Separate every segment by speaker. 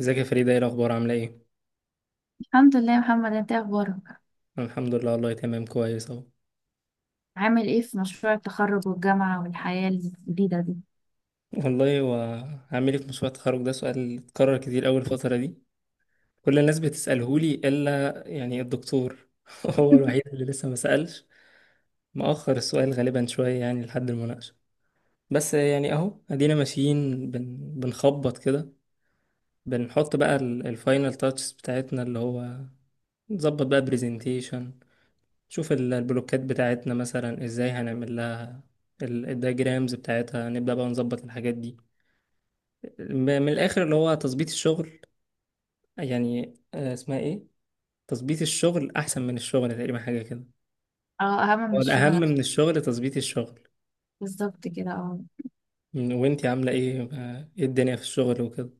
Speaker 1: ازيك يا فريدة، ايه الأخبار، عاملة ايه؟
Speaker 2: الحمد لله يا محمد، انت ايه اخبارك؟
Speaker 1: أنا الحمد لله والله تمام كويس اهو.
Speaker 2: عامل ايه في مشروع التخرج والجامعة والحياة الجديدة دي؟
Speaker 1: والله وعامل ايه في مشروع التخرج ده سؤال اتكرر كتير أول الفترة دي. كل الناس بتسألهولي إلا يعني الدكتور. هو الوحيد اللي لسه ما سألش. مأخر السؤال غالبا شوية يعني لحد المناقشة. بس يعني اهو ادينا ماشيين بنخبط كده. بنحط بقى الفاينل تاتشز بتاعتنا، اللي هو نظبط بقى برزنتيشن، شوف البلوكات بتاعتنا مثلا ازاي هنعمل لها الدياجرامز بتاعتها، نبدأ بقى نظبط الحاجات دي. م- من الآخر اللي هو تظبيط الشغل. يعني آه، اسمها ايه، تظبيط الشغل أحسن من الشغل تقريبا، حاجة كده.
Speaker 2: اه، اهم من
Speaker 1: هو
Speaker 2: الشغل
Speaker 1: الأهم
Speaker 2: نفسه.
Speaker 1: من الشغل تظبيط الشغل.
Speaker 2: بالظبط كده، اه.
Speaker 1: وانتي عاملة ايه آه، ايه الدنيا في الشغل وكده؟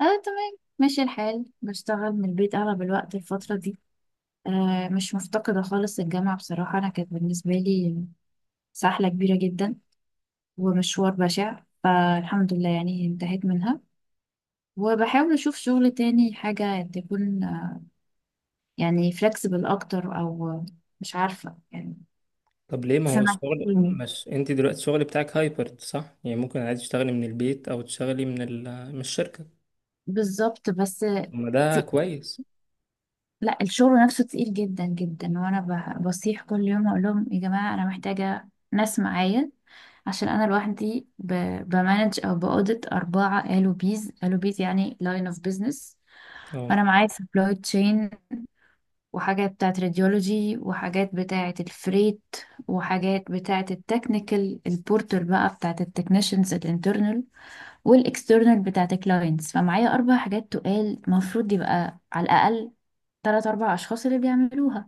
Speaker 2: اه، تمام، ماشي الحال، بشتغل من البيت اغلب الوقت الفترة دي. مش مفتقدة خالص الجامعة بصراحة، انا كانت بالنسبة لي سحلة كبيرة جدا ومشوار بشع، فالحمد لله يعني انتهيت منها. وبحاول اشوف شغل تاني، حاجة تكون يعني فلكسبل اكتر، او مش عارفة يعني.
Speaker 1: طب ليه، ما هو
Speaker 2: سمك.
Speaker 1: الشغل، مش انتي دلوقتي الشغل بتاعك هايبرد صح؟ يعني ممكن عادي تشتغلي من البيت أو تشتغلي من من الشركة.
Speaker 2: بالظبط بس.
Speaker 1: طب ما ده
Speaker 2: تي-
Speaker 1: كويس.
Speaker 2: لا، الشغل نفسه تقيل جدا جدا، وانا بصيح كل يوم اقول لهم يا جماعه انا محتاجه ناس معايا، عشان انا لوحدي بمانج او باودت اربعه الو بيز، الو بيز يعني لاين اوف بيزنس.
Speaker 1: اه،
Speaker 2: فانا معايا سبلاي تشين، وحاجات بتاعت راديولوجي، وحاجات بتاعت الفريت، وحاجات بتاعت التكنيكال البورتر بقى، بتاعت التكنيشنز الانترنال والاكسترنال بتاعت الكلاينتس. فمعايا اربع حاجات تقال المفروض يبقى على الاقل تلات أربع أشخاص اللي بيعملوها،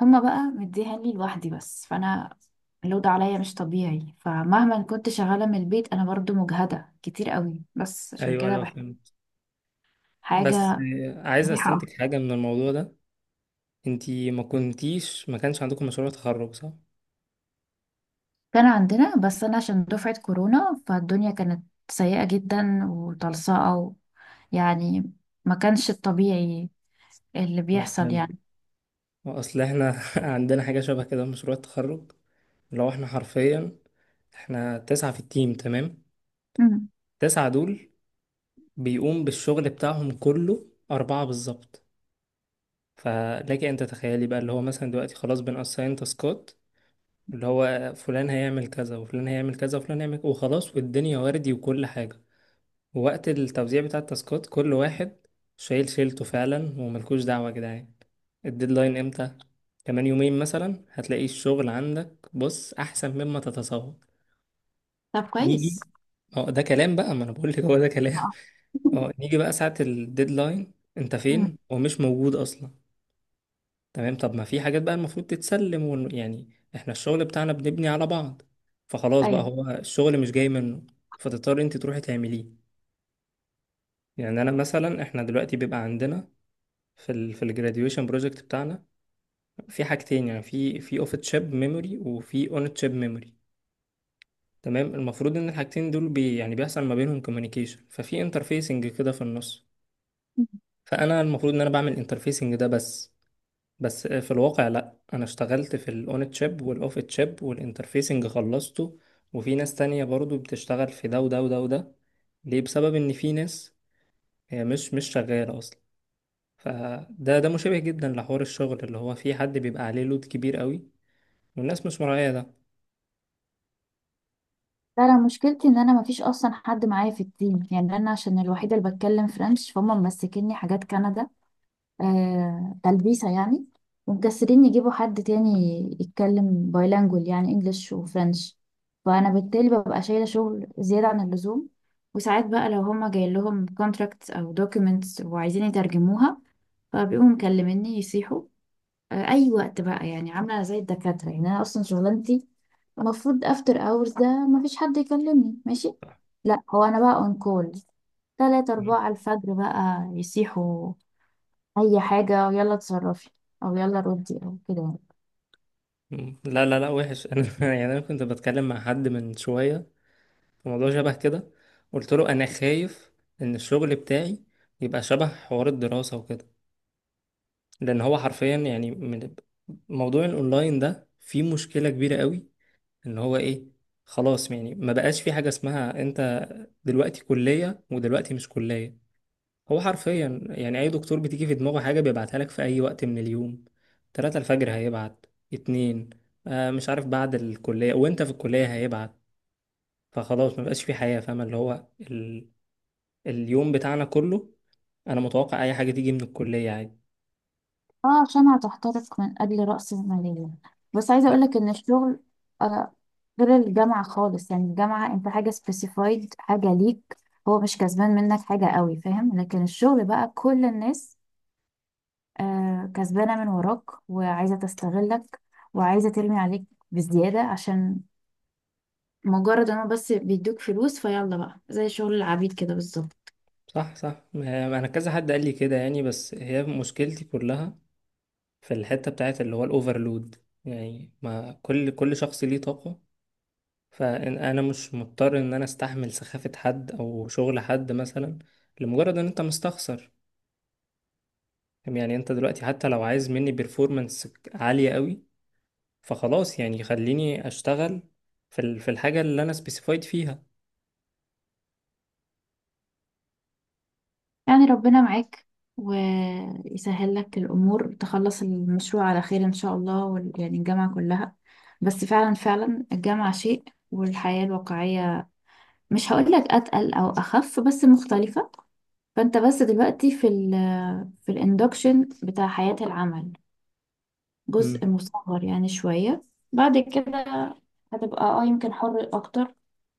Speaker 2: هما بقى مديها لي لوحدي بس. فأنا اللود عليا مش طبيعي، فمهما كنت شغالة من البيت أنا برضو مجهدة كتير قوي، بس عشان
Speaker 1: ايوه
Speaker 2: كده
Speaker 1: ايوه
Speaker 2: بحب
Speaker 1: فهمت. بس
Speaker 2: حاجة
Speaker 1: عايز
Speaker 2: مريحة أكتر.
Speaker 1: استنتج حاجة من الموضوع ده، انتي ما كانش عندكم مشروع تخرج صح؟
Speaker 2: كان عندنا بس أنا عشان دفعة كورونا فالدنيا كانت سيئة جدا وطلصقة يعني ما كانش الطبيعي اللي
Speaker 1: اه
Speaker 2: بيحصل
Speaker 1: فهمت.
Speaker 2: يعني.
Speaker 1: اصل احنا عندنا حاجة شبه كده في مشروع التخرج. لو احنا حرفيا، احنا تسعة في التيم تمام.
Speaker 2: مم.
Speaker 1: تسعة دول بيقوم بالشغل بتاعهم كله أربعة بالظبط. فلك أن تتخيلي بقى، اللي هو مثلا دلوقتي خلاص بنأساين تاسكات، اللي هو فلان هيعمل كذا، وفلان هيعمل كذا، وفلان هيعمل، وخلاص والدنيا وردي وكل حاجة. ووقت التوزيع بتاع التاسكات كل واحد شايل شيلته فعلا وملكوش دعوة يا جدعان، الديدلاين امتى، كمان يومين مثلا، هتلاقي الشغل عندك بص احسن مما تتصور.
Speaker 2: طب كويس.
Speaker 1: نيجي، اه ده كلام بقى، ما انا بقول لك هو ده كلام.
Speaker 2: آه.
Speaker 1: اه، نيجي بقى ساعة الديدلاين انت
Speaker 2: مم.
Speaker 1: فين ومش موجود اصلا. تمام، طب ما في حاجات بقى المفروض تتسلم يعني احنا الشغل بتاعنا بنبني على بعض، فخلاص بقى
Speaker 2: أيوه.
Speaker 1: هو الشغل مش جاي منه، فتضطر انت تروحي تعمليه. يعني انا مثلا، احنا دلوقتي بيبقى عندنا في ال في الجراديويشن بروجكت بتاعنا في حاجتين، يعني في اوف تشيب ميموري وفي اون تشيب ميموري. تمام، المفروض ان الحاجتين دول بي يعني بيحصل ما بينهم كوميونيكيشن، ففي انترفيسنج كده في النص. فانا المفروض ان انا بعمل انترفيسنج ده بس. بس في الواقع لا، انا اشتغلت في الاون تشيب والاوف تشيب والانترفيسنج خلصته. وفي ناس تانية برضو بتشتغل في ده وده وده وده. ليه؟ بسبب ان في ناس هي مش شغالة اصلا. فده ده مشابه جدا لحوار الشغل، اللي هو في حد بيبقى عليه لود كبير قوي والناس مش مراعية ده.
Speaker 2: لا، انا مشكلتي ان انا مفيش اصلا حد معايا في التيم، يعني انا عشان الوحيده اللي بتكلم فرنش، فهم ممسكيني حاجات كندا تلبيسه يعني. ومكسرين يجيبوا حد تاني يتكلم بايلانجول، يعني انجلش وفرنش. فانا بالتالي ببقى شايله شغل زياده عن اللزوم. وساعات بقى لو هما جاي لهم كونتراكتس او دوكيومنتس وعايزين يترجموها، فبيقوموا مكلميني يصيحوا اي وقت بقى، يعني عامله زي الدكاتره. يعني انا اصلا شغلانتي المفروض افتر اورز ده مفيش حد يكلمني، ماشي؟ لا، هو انا بقى اون كول، تلاتة
Speaker 1: مم.
Speaker 2: أربعة الفجر بقى يسيحوا أي حاجة، ويلا اتصرفي، أو يلا ردي، أو كده يعني.
Speaker 1: لا لا لا وحش. انا يعني انا كنت بتكلم مع حد من شويه في موضوع شبه كده. قلت له انا خايف ان الشغل بتاعي يبقى شبه حوار الدراسه وكده، لان هو حرفيا، يعني من موضوع الاونلاين ده فيه مشكله كبيره قوي. ان هو ايه، خلاص يعني ما بقاش في حاجه اسمها انت دلوقتي كليه ودلوقتي مش كليه. هو حرفيا يعني اي دكتور بتيجي في دماغه حاجه بيبعتها لك في اي وقت من اليوم. 3 الفجر هيبعت، 2 آه مش عارف، بعد الكليه وانت في الكليه هيبعت. فخلاص ما بقاش في حياه، فاهم، اللي هو اليوم بتاعنا كله انا متوقع اي حاجه تيجي من الكليه عادي.
Speaker 2: اه، عشان هتحترق من أجل رأس المالية. بس عايزة أقولك إن الشغل آه غير الجامعة خالص، يعني الجامعة أنت حاجة سبيسيفايد، حاجة ليك، هو مش كسبان منك حاجة قوي، فاهم؟ لكن الشغل بقى كل الناس كسبانة من وراك، وعايزة تستغلك، وعايزة ترمي عليك بزيادة عشان مجرد ان هو بس بيدوك فلوس، فيلا بقى زي شغل العبيد كده بالظبط.
Speaker 1: صح صح، ما انا كذا حد قال لي كده يعني. بس هي مشكلتي كلها في الحته بتاعت اللي هو الاوفرلود. يعني ما كل شخص ليه طاقه. فانا مش مضطر ان انا استحمل سخافة حد او شغل حد مثلا لمجرد ان انت مستخسر. يعني انت دلوقتي حتى لو عايز مني بيرفورمانس عالية قوي، فخلاص يعني خليني اشتغل في في الحاجة اللي انا سبيسيفايد فيها.
Speaker 2: يعني ربنا معاك ويسهل لك الأمور، تخلص المشروع على خير إن شاء الله، يعني الجامعة كلها. بس فعلا فعلا، الجامعة شيء والحياة الواقعية، مش هقولك أتقل أو أخف بس مختلفة. فأنت بس دلوقتي في الإندكشن بتاع حياة العمل، جزء
Speaker 1: مم.
Speaker 2: مصغر يعني شوية. بعد كده هتبقى اه يمكن حر أكتر،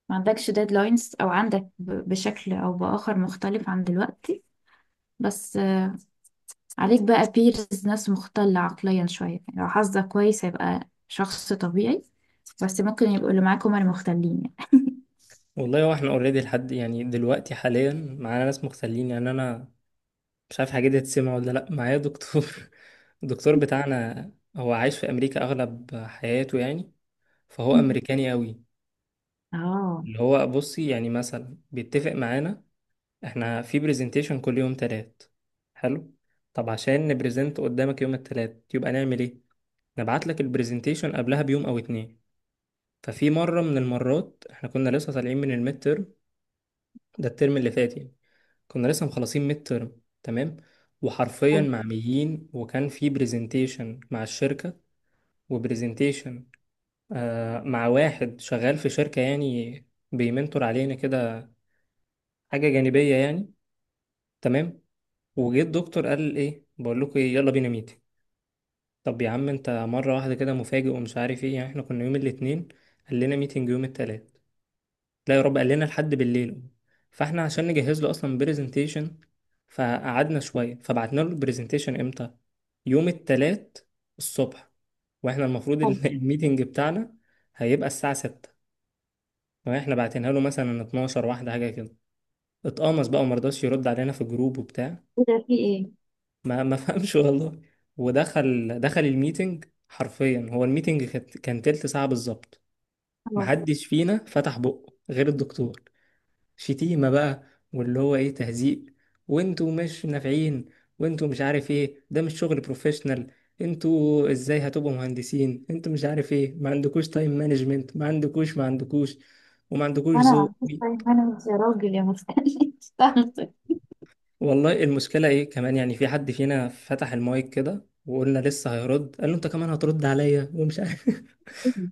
Speaker 2: ما عندكش ديدلاينز، أو عندك بشكل أو بآخر مختلف عن دلوقتي. بس عليك بقى بيرز ناس مختلة عقليا شوية، يعني لو حظك كويس هيبقى شخص طبيعي، بس ممكن يبقوا اللي معاك هما المختلين يعني.
Speaker 1: والله هو احنا اوريدي لحد يعني دلوقتي حاليا معانا ناس مغتالين، يعني انا مش عارف حاجة دي هتسمع ولا لا. معايا دكتور الدكتور بتاعنا هو عايش في امريكا اغلب حياته يعني، فهو
Speaker 2: مم.
Speaker 1: امريكاني قوي.
Speaker 2: اه.
Speaker 1: اللي هو بصي يعني مثلا بيتفق معانا، احنا في برزنتيشن كل يوم تلات، حلو، طب عشان نبرزنت قدامك يوم التلات يبقى نعمل ايه؟ نبعت لك البرزنتيشن قبلها بيوم او اتنين. ففي مرة من المرات احنا كنا لسه طالعين من الميد ترم، ده الترم اللي فات يعني. كنا لسه مخلصين ميد ترم تمام، وحرفيا
Speaker 2: حلو.
Speaker 1: معميين، وكان في برزنتيشن مع الشركة، وبرزنتيشن آه مع واحد شغال في شركة يعني بيمنتور علينا كده، حاجة جانبية يعني. تمام، وجه الدكتور قال ايه، بقول لكم ايه، يلا بينا ميتنج. طب يا عم انت مره واحده كده مفاجئ ومش عارف ايه. يعني احنا كنا يوم الاثنين قال لنا ميتنج يوم الثلاث، لا يا رب، قال لنا لحد بالليل. فاحنا عشان نجهز له اصلا برزنتيشن فقعدنا شويه. فبعتنا له البرزنتيشن امتى؟ يوم الثلاث الصبح، واحنا المفروض
Speaker 2: حلو.
Speaker 1: الميتنج بتاعنا هيبقى الساعه 6، واحنا بعتينها له مثلا 12 واحده حاجه كده. اتقمص بقى ومرضاش يرد علينا في الجروب وبتاع.
Speaker 2: ايه ده، في ايه؟
Speaker 1: ما فهمش والله. ودخل الميتنج حرفيا، هو الميتنج كان تلت ساعة بالظبط.
Speaker 2: خلاص.
Speaker 1: محدش فينا فتح بقه غير الدكتور. شتيمة بقى، واللي هو ايه، تهزيق، وانتوا مش نافعين، وانتوا مش عارف ايه، ده مش شغل بروفيشنال، انتوا ازاي هتبقوا مهندسين، انتوا مش عارف ايه، ما عندكوش تايم مانجمنت، ما عندكوش، ما عندكوش، وما عندكوش
Speaker 2: انا
Speaker 1: ذوق.
Speaker 2: عارفه تايم مانجمنت، يا راجل يا مختلف.
Speaker 1: والله المشكلة ايه، كمان يعني في حد فينا فتح المايك كده وقلنا لسه هيرد، قال له انت كمان هترد عليا ومش عارف.
Speaker 2: مم.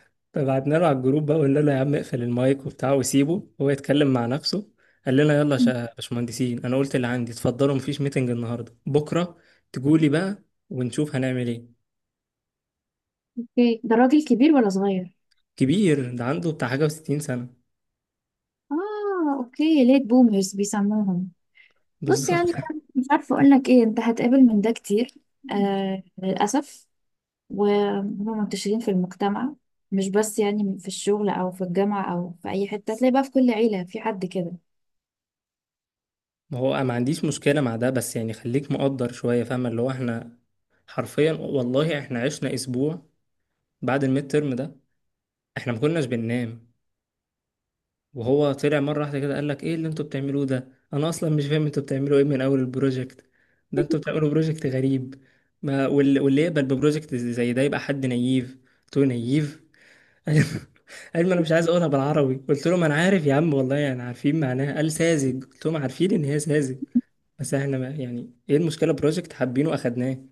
Speaker 1: فبعتنا له على الجروب بقى وقلنا له يا عم اقفل المايك وبتاع وسيبه هو يتكلم مع نفسه. قال لنا يلا يا باشمهندسين، انا قلت اللي عندي، اتفضلوا، مفيش ميتنج النهارده، بكره تجولي بقى ونشوف هنعمل ايه.
Speaker 2: اوكي، ده راجل كبير ولا صغير؟
Speaker 1: كبير، ده عنده بتاع حاجة وستين سنة.
Speaker 2: اه، اوكي، ليت بومرز بيسموهم. بص
Speaker 1: بالظبط.
Speaker 2: يعني، مش عارفه اقول لك ايه، انت هتقابل من ده كتير للاسف، وهم منتشرين في المجتمع، مش بس يعني في الشغل او في الجامعه او في اي حته، تلاقي بقى في كل عيله في حد كده.
Speaker 1: ما هو ما عنديش مشكلة مع ده، بس يعني خليك مقدر شوية، فاهم، اللي هو احنا حرفيا والله احنا عشنا اسبوع بعد الميد ترم ده، احنا ما كناش بننام. وهو طلع مره واحده كده قال لك ايه اللي انتوا بتعملوه ده، انا اصلا مش فاهم انتوا بتعملوا ايه من اول البروجكت، ده انتوا بتعملوا بروجكت غريب، ما واللي يقبل ببروجكت زي ده يبقى حد نييف. قلت له نييف. قال قال ما انا مش عايز اقولها بالعربي. قلت له ما انا عارف يا عم والله، يعني عارفين معناها. قال ساذج، قلت لهم عارفين ان هي ساذج. بس احنا، ما يعني ايه المشكله، بروجكت حابينه اخدناه. ان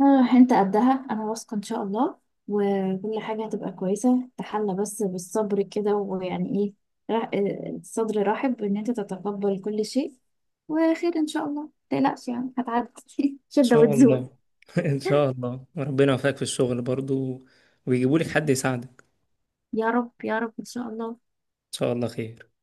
Speaker 2: انت قدها انا واثقه ان شاء الله، وكل حاجه هتبقى كويسه، تحلى بس بالصبر كده ويعني ايه، الصدر رحب ان انت تتقبل كل شيء، وخير ان شاء الله متقلقش، يعني هتعدي شده
Speaker 1: شاء
Speaker 2: وتزول.
Speaker 1: الله. ان شاء الله، وربنا يوفقك في الشغل برضو ويجيبوا لك حد يساعدك.
Speaker 2: يا رب يا رب إن شاء الله.
Speaker 1: ان شاء الله خير.